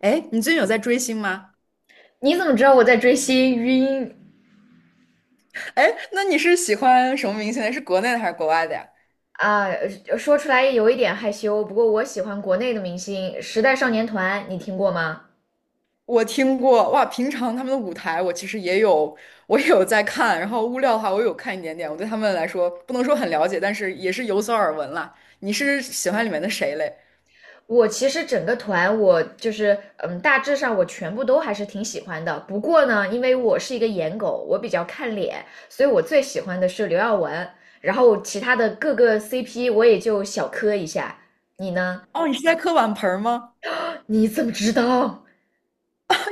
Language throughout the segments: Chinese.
哎，你最近有在追星吗？你怎么知道我在追星？晕哎，那你是喜欢什么明星的？是国内的还是国外的呀？啊！说出来有一点害羞，不过我喜欢国内的明星，时代少年团，你听过吗？我听过，哇，平常他们的舞台我其实也有，我也有在看，然后物料的话我有看一点点，我对他们来说不能说很了解，但是也是有所耳闻啦。你是喜欢里面的谁嘞？我其实整个团，我就是嗯，大致上我全部都还是挺喜欢的。不过呢，因为我是一个颜狗，我比较看脸，所以我最喜欢的是刘耀文，然后其他的各个 CP 我也就小磕一下。你呢？哦，你是在磕碗盆儿吗？你怎么知道？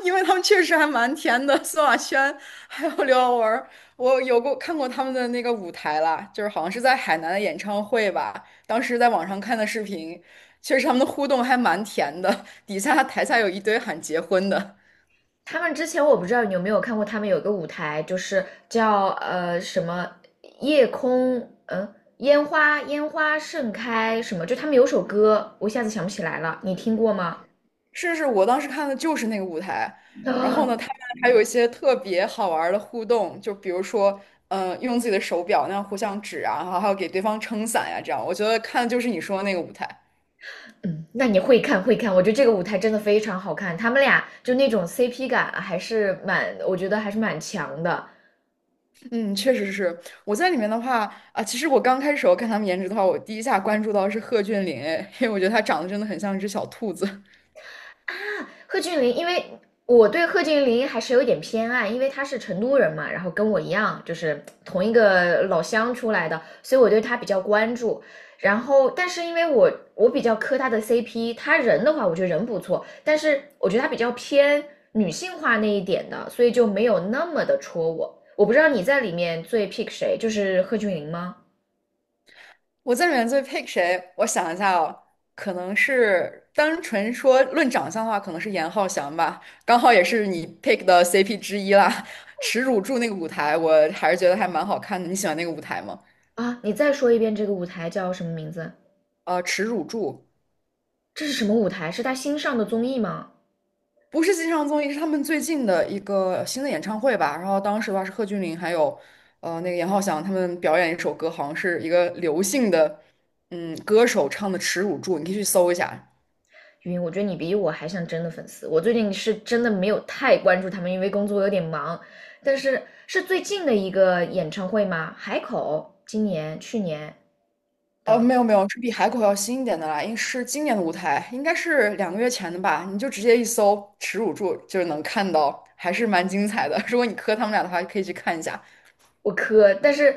因为他们确实还蛮甜的，苏亚轩还有刘耀文儿我有过看过他们的那个舞台啦，就是好像是在海南的演唱会吧，当时在网上看的视频，确实他们的互动还蛮甜的，底下台下有一堆喊结婚的，他们之前我不知道你有没有看过，他们有一个舞台，就是叫什么夜空，嗯、烟花盛开什么，就他们有首歌，我一下子想不起来了，你听过吗？是是，我当时看的就是那个舞台，然后啊，呢，他们还有一些特别好玩儿的互动，就比如说，嗯，用自己的手表那样互相指啊，然后还有给对方撑伞呀、这样，我觉得看的就是你说的那个舞台。嗯，那你会看，我觉得这个舞台真的非常好看，他们俩就那种 CP 感还是蛮，我觉得还是蛮强的。嗯，确实是。我在里面的话啊，其实我刚开始我看他们颜值的话，我第一下关注到是贺峻霖，哎，因为我觉得他长得真的很像一只小兔子。啊，贺峻霖，因为我对贺峻霖还是有一点偏爱，因为他是成都人嘛，然后跟我一样，就是同一个老乡出来的，所以我对他比较关注。然后，但是因为我比较磕他的 CP，他人的话，我觉得人不错，但是我觉得他比较偏女性化那一点的，所以就没有那么的戳我。我不知道你在里面最 pick 谁，就是贺峻霖吗？我在里面最 pick 谁？我想一下哦，可能是单纯说论长相的话，可能是严浩翔吧，刚好也是你 pick 的 CP 之一啦。耻辱柱那个舞台，我还是觉得还蛮好看的。你喜欢那个舞台吗？啊，你再说一遍这个舞台叫什么名字？耻辱柱。这是什么舞台？是他新上的综艺吗？不是新上综艺，是他们最近的一个新的演唱会吧。然后当时的话是贺峻霖还有那个严浩翔他们表演一首歌，好像是一个刘姓的歌手唱的《耻辱柱》，你可以去搜一下。晕，我觉得你比我还像真的粉丝。我最近是真的没有太关注他们，因为工作有点忙。但是是最近的一个演唱会吗？海口今年、去年哦，的，没有没有，是比海口要新一点的啦，应是今年的舞台，应该是两个月前的吧。你就直接一搜《耻辱柱》，就是能看到，还是蛮精彩的。如果你磕他们俩的话，可以去看一下。我磕。但是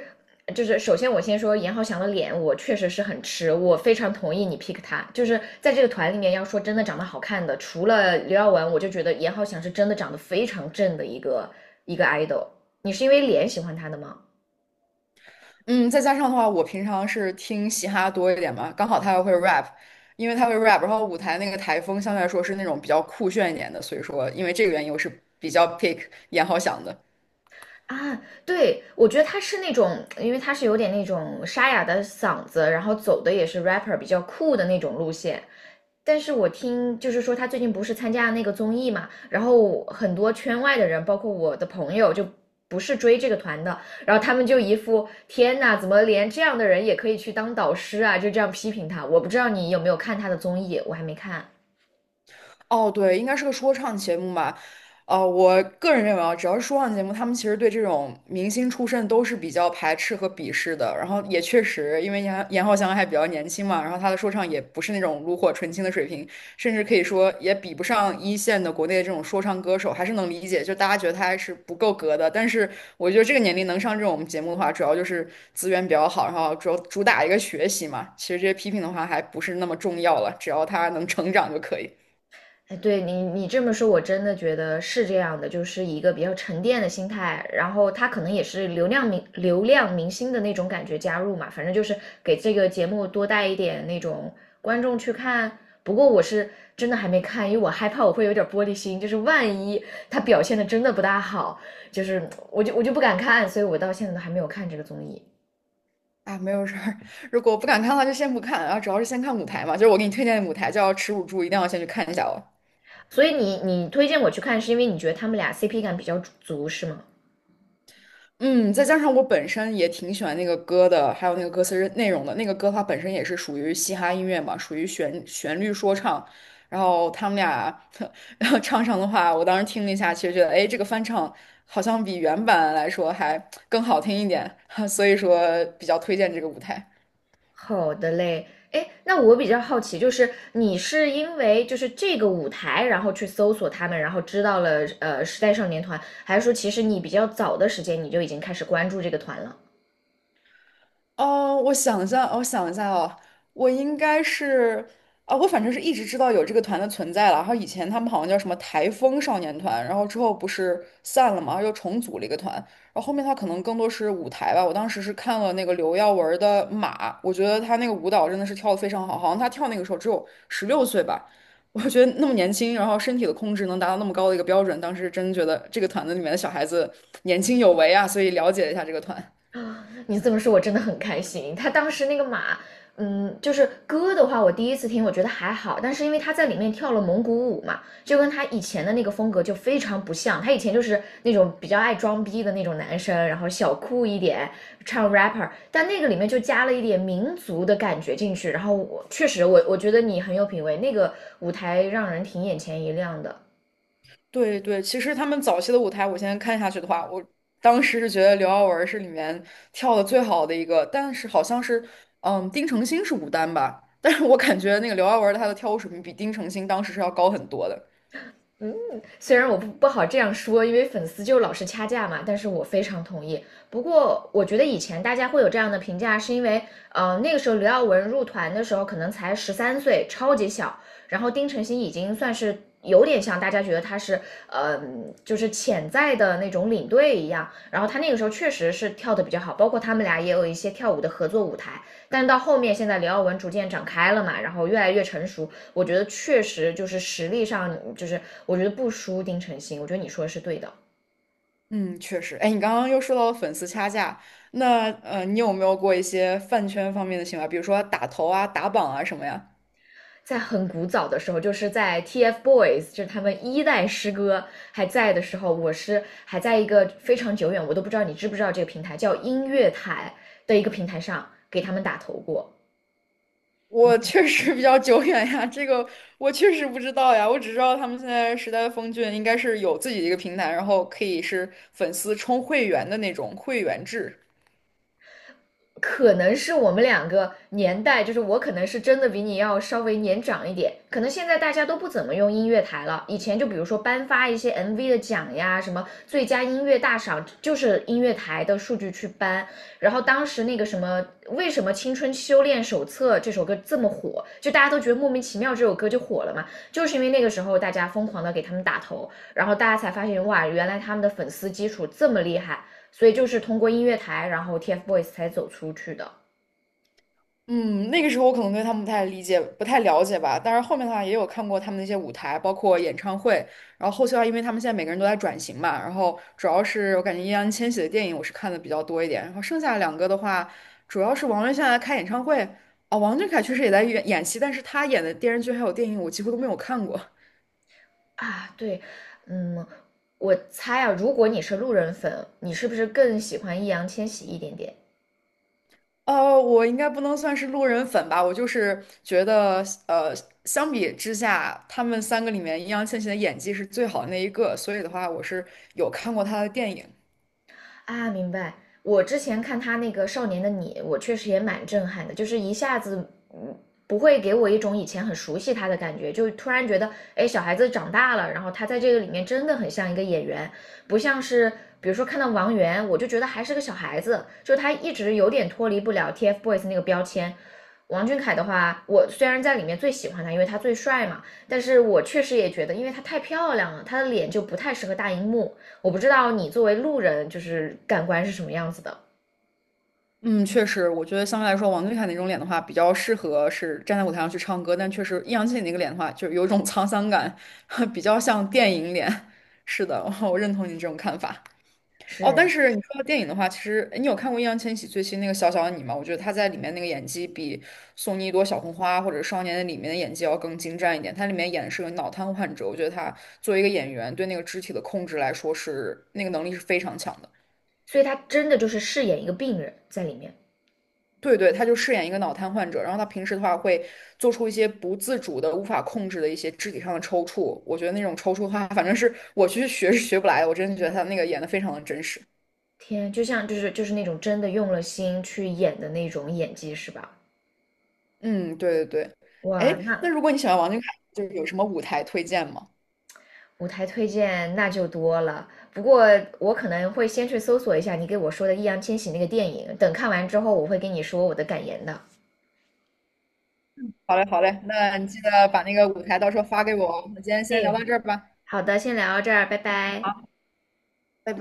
就是首先我先说严浩翔的脸，我确实是很吃，我非常同意你 pick 他。就是在这个团里面，要说真的长得好看的，除了刘耀文，我就觉得严浩翔是真的长得非常正的一个 idol。你是因为脸喜欢他的吗？嗯，再加上的话，我平常是听嘻哈多一点嘛，刚好他又会 rap，因为他会 rap，然后舞台那个台风相对来说是那种比较酷炫一点的，所以说因为这个原因我是比较 pick 严浩翔的。啊，对，我觉得他是那种，因为他是有点那种沙哑的嗓子，然后走的也是 rapper 比较酷的那种路线。但是我听就是说他最近不是参加了那个综艺嘛，然后很多圈外的人，包括我的朋友，就不是追这个团的，然后他们就一副天呐，怎么连这样的人也可以去当导师啊？就这样批评他。我不知道你有没有看他的综艺，我还没看。哦，对，应该是个说唱节目吧。我个人认为啊，只要是说唱节目，他们其实对这种明星出身都是比较排斥和鄙视的。然后也确实，因为严浩翔还比较年轻嘛，然后他的说唱也不是那种炉火纯青的水平，甚至可以说也比不上一线的国内的这种说唱歌手，还是能理解。就大家觉得他还是不够格的。但是我觉得这个年龄能上这种节目的话，主要就是资源比较好，然后主要主打一个学习嘛。其实这些批评的话还不是那么重要了，只要他能成长就可以。哎，对你，你这么说，我真的觉得是这样的，就是一个比较沉淀的心态，然后他可能也是流量明星的那种感觉加入嘛，反正就是给这个节目多带一点那种观众去看。不过我是真的还没看，因为我害怕我会有点玻璃心，就是万一他表现的真的不大好，就是我就不敢看，所以我到现在都还没有看这个综艺。啊，没有事儿。如果不敢看的话，就先不看。然后主要是先看舞台嘛，就是我给你推荐的舞台叫《耻辱柱》，一定要先去看一下哦。所以你推荐我去看，是因为你觉得他们俩 CP 感比较足是吗？嗯，再加上我本身也挺喜欢那个歌的，还有那个歌词内容的。那个歌它本身也是属于嘻哈音乐嘛，属于旋律说唱。然后他们俩 然后唱上的话，我当时听了一下，其实觉得，哎，这个翻唱好像比原版来说还更好听一点，所以说比较推荐这个舞台。好的嘞，哎，那我比较好奇，就是你是因为就是这个舞台，然后去搜索他们，然后知道了时代少年团，还是说其实你比较早的时间你就已经开始关注这个团了？哦，我想一下，哦我想一下哦，我应该是啊，我反正是一直知道有这个团的存在了。然后以前他们好像叫什么台风少年团，然后之后不是散了嘛，然后又重组了一个团。然后后面他可能更多是舞台吧。我当时是看了那个刘耀文儿的《马》，我觉得他那个舞蹈真的是跳得非常好，好像他跳那个时候只有十六岁吧。我觉得那么年轻，然后身体的控制能达到那么高的一个标准，当时真觉得这个团子里面的小孩子年轻有为啊，所以了解了一下这个团。啊，你这么说，我真的很开心。他当时那个马，嗯，就是歌的话，我第一次听，我觉得还好，但是因为他在里面跳了蒙古舞嘛，就跟他以前的那个风格就非常不像。他以前就是那种比较爱装逼的那种男生，然后小酷一点，唱 rapper，但那个里面就加了一点民族的感觉进去。然后我确实我，我觉得你很有品味，那个舞台让人挺眼前一亮的。对对，其实他们早期的舞台，我现在看下去的话，我当时是觉得刘耀文是里面跳的最好的一个，但是好像是，嗯，丁程鑫是舞担吧，但是我感觉那个刘耀文他的跳舞水平比丁程鑫当时是要高很多的。虽然我不好这样说，因为粉丝就老是掐架嘛，但是我非常同意。不过我觉得以前大家会有这样的评价，是因为那个时候刘耀文入团的时候可能才十三岁，超级小，然后丁程鑫已经算是。有点像大家觉得他是，呃，就是潜在的那种领队一样。然后他那个时候确实是跳的比较好，包括他们俩也有一些跳舞的合作舞台。但到后面，现在刘耀文逐渐长开了嘛，然后越来越成熟，我觉得确实就是实力上，就是我觉得不输丁程鑫，我觉得你说的是对的。嗯，确实。哎，你刚刚又说到了粉丝掐架，那你有没有过一些饭圈方面的行为，比如说打头啊、打榜啊什么呀？在很古早的时候，就是在 TFBOYS，就是他们一代师哥还在的时候，我是还在一个非常久远，我都不知道你知不知道这个平台叫音乐台的一个平台上给他们打头过。我确实比较久远呀，这个我确实不知道呀，我只知道他们现在时代峰峻应该是有自己的一个平台，然后可以是粉丝充会员的那种会员制。可能是我们两个年代，就是我可能是真的比你要稍微年长一点，可能现在大家都不怎么用音乐台了。以前就比如说颁发一些 MV 的奖呀，什么最佳音乐大赏，就是音乐台的数据去颁。然后当时那个什么，为什么《青春修炼手册》这首歌这么火，就大家都觉得莫名其妙这首歌就火了嘛，就是因为那个时候大家疯狂的给他们打头，然后大家才发现哇，原来他们的粉丝基础这么厉害。所以就是通过音乐台，然后 TFBOYS 才走出去的嗯，那个时候我可能对他们不太理解、不太了解吧，但是后面的话也有看过他们那些舞台，包括演唱会。然后后期的话，因为他们现在每个人都在转型嘛，然后主要是我感觉易烊千玺的电影我是看的比较多一点，然后剩下两个的话，主要是王源现在开演唱会啊，王俊凯确实也在演戏，但是他演的电视剧还有电影我几乎都没有看过。啊。对，嗯，我猜啊，如果你是路人粉，你是不是更喜欢易烊千玺一点点？我应该不能算是路人粉吧，我就是觉得，相比之下，他们三个里面，易烊千玺的演技是最好的那一个，所以的话，我是有看过他的电影。啊，明白。我之前看他那个《少年的你》，我确实也蛮震撼的，就是一下子，嗯，不会给我一种以前很熟悉他的感觉，就突然觉得，哎，小孩子长大了，然后他在这个里面真的很像一个演员，不像是比如说看到王源，我就觉得还是个小孩子，就他一直有点脱离不了 TFBOYS 那个标签。王俊凯的话，我虽然在里面最喜欢他，因为他最帅嘛，但是我确实也觉得，因为他太漂亮了，他的脸就不太适合大荧幕。我不知道你作为路人就是感官是什么样子的，嗯，确实，我觉得相对来说，王俊凯那种脸的话，比较适合是站在舞台上去唱歌，但确实易烊千玺那个脸的话，就是有一种 沧桑感，比较像电影脸。是的，我认同你这种看法。哦，但是，是你说到电影的话，其实诶你有看过易烊千玺最新那个《小小的你》吗？我觉得他在里面那个演技比《送你一朵小红花》或者《少年》的》里面的演技要更精湛一点。他里面演的是个脑瘫患者，我觉得他作为一个演员，对那个肢体的控制来说是那个能力是非常强的。所以他真的就是饰演一个病人在里面。对对，他就饰演一个脑瘫患者，然后他平时的话会做出一些不自主的、无法控制的一些肢体上的抽搐。我觉得那种抽搐的话，反正是我去学是学不来的。我真的觉得他那个演的非常的真实。天，就是那种真的用了心去演的那种演技是吧？嗯，对对对。哇，哎，那那如果你喜欢王俊凯，就是有什么舞台推荐吗？舞台推荐那就多了。不过我可能会先去搜索一下你给我说的易烊千玺那个电影，等看完之后我会跟你说我的感言的。好嘞，好嘞，那你记得把那个舞台到时候发给我哦。那今天先聊哎，到这儿吧。好的，先聊到这儿，拜拜。拜拜。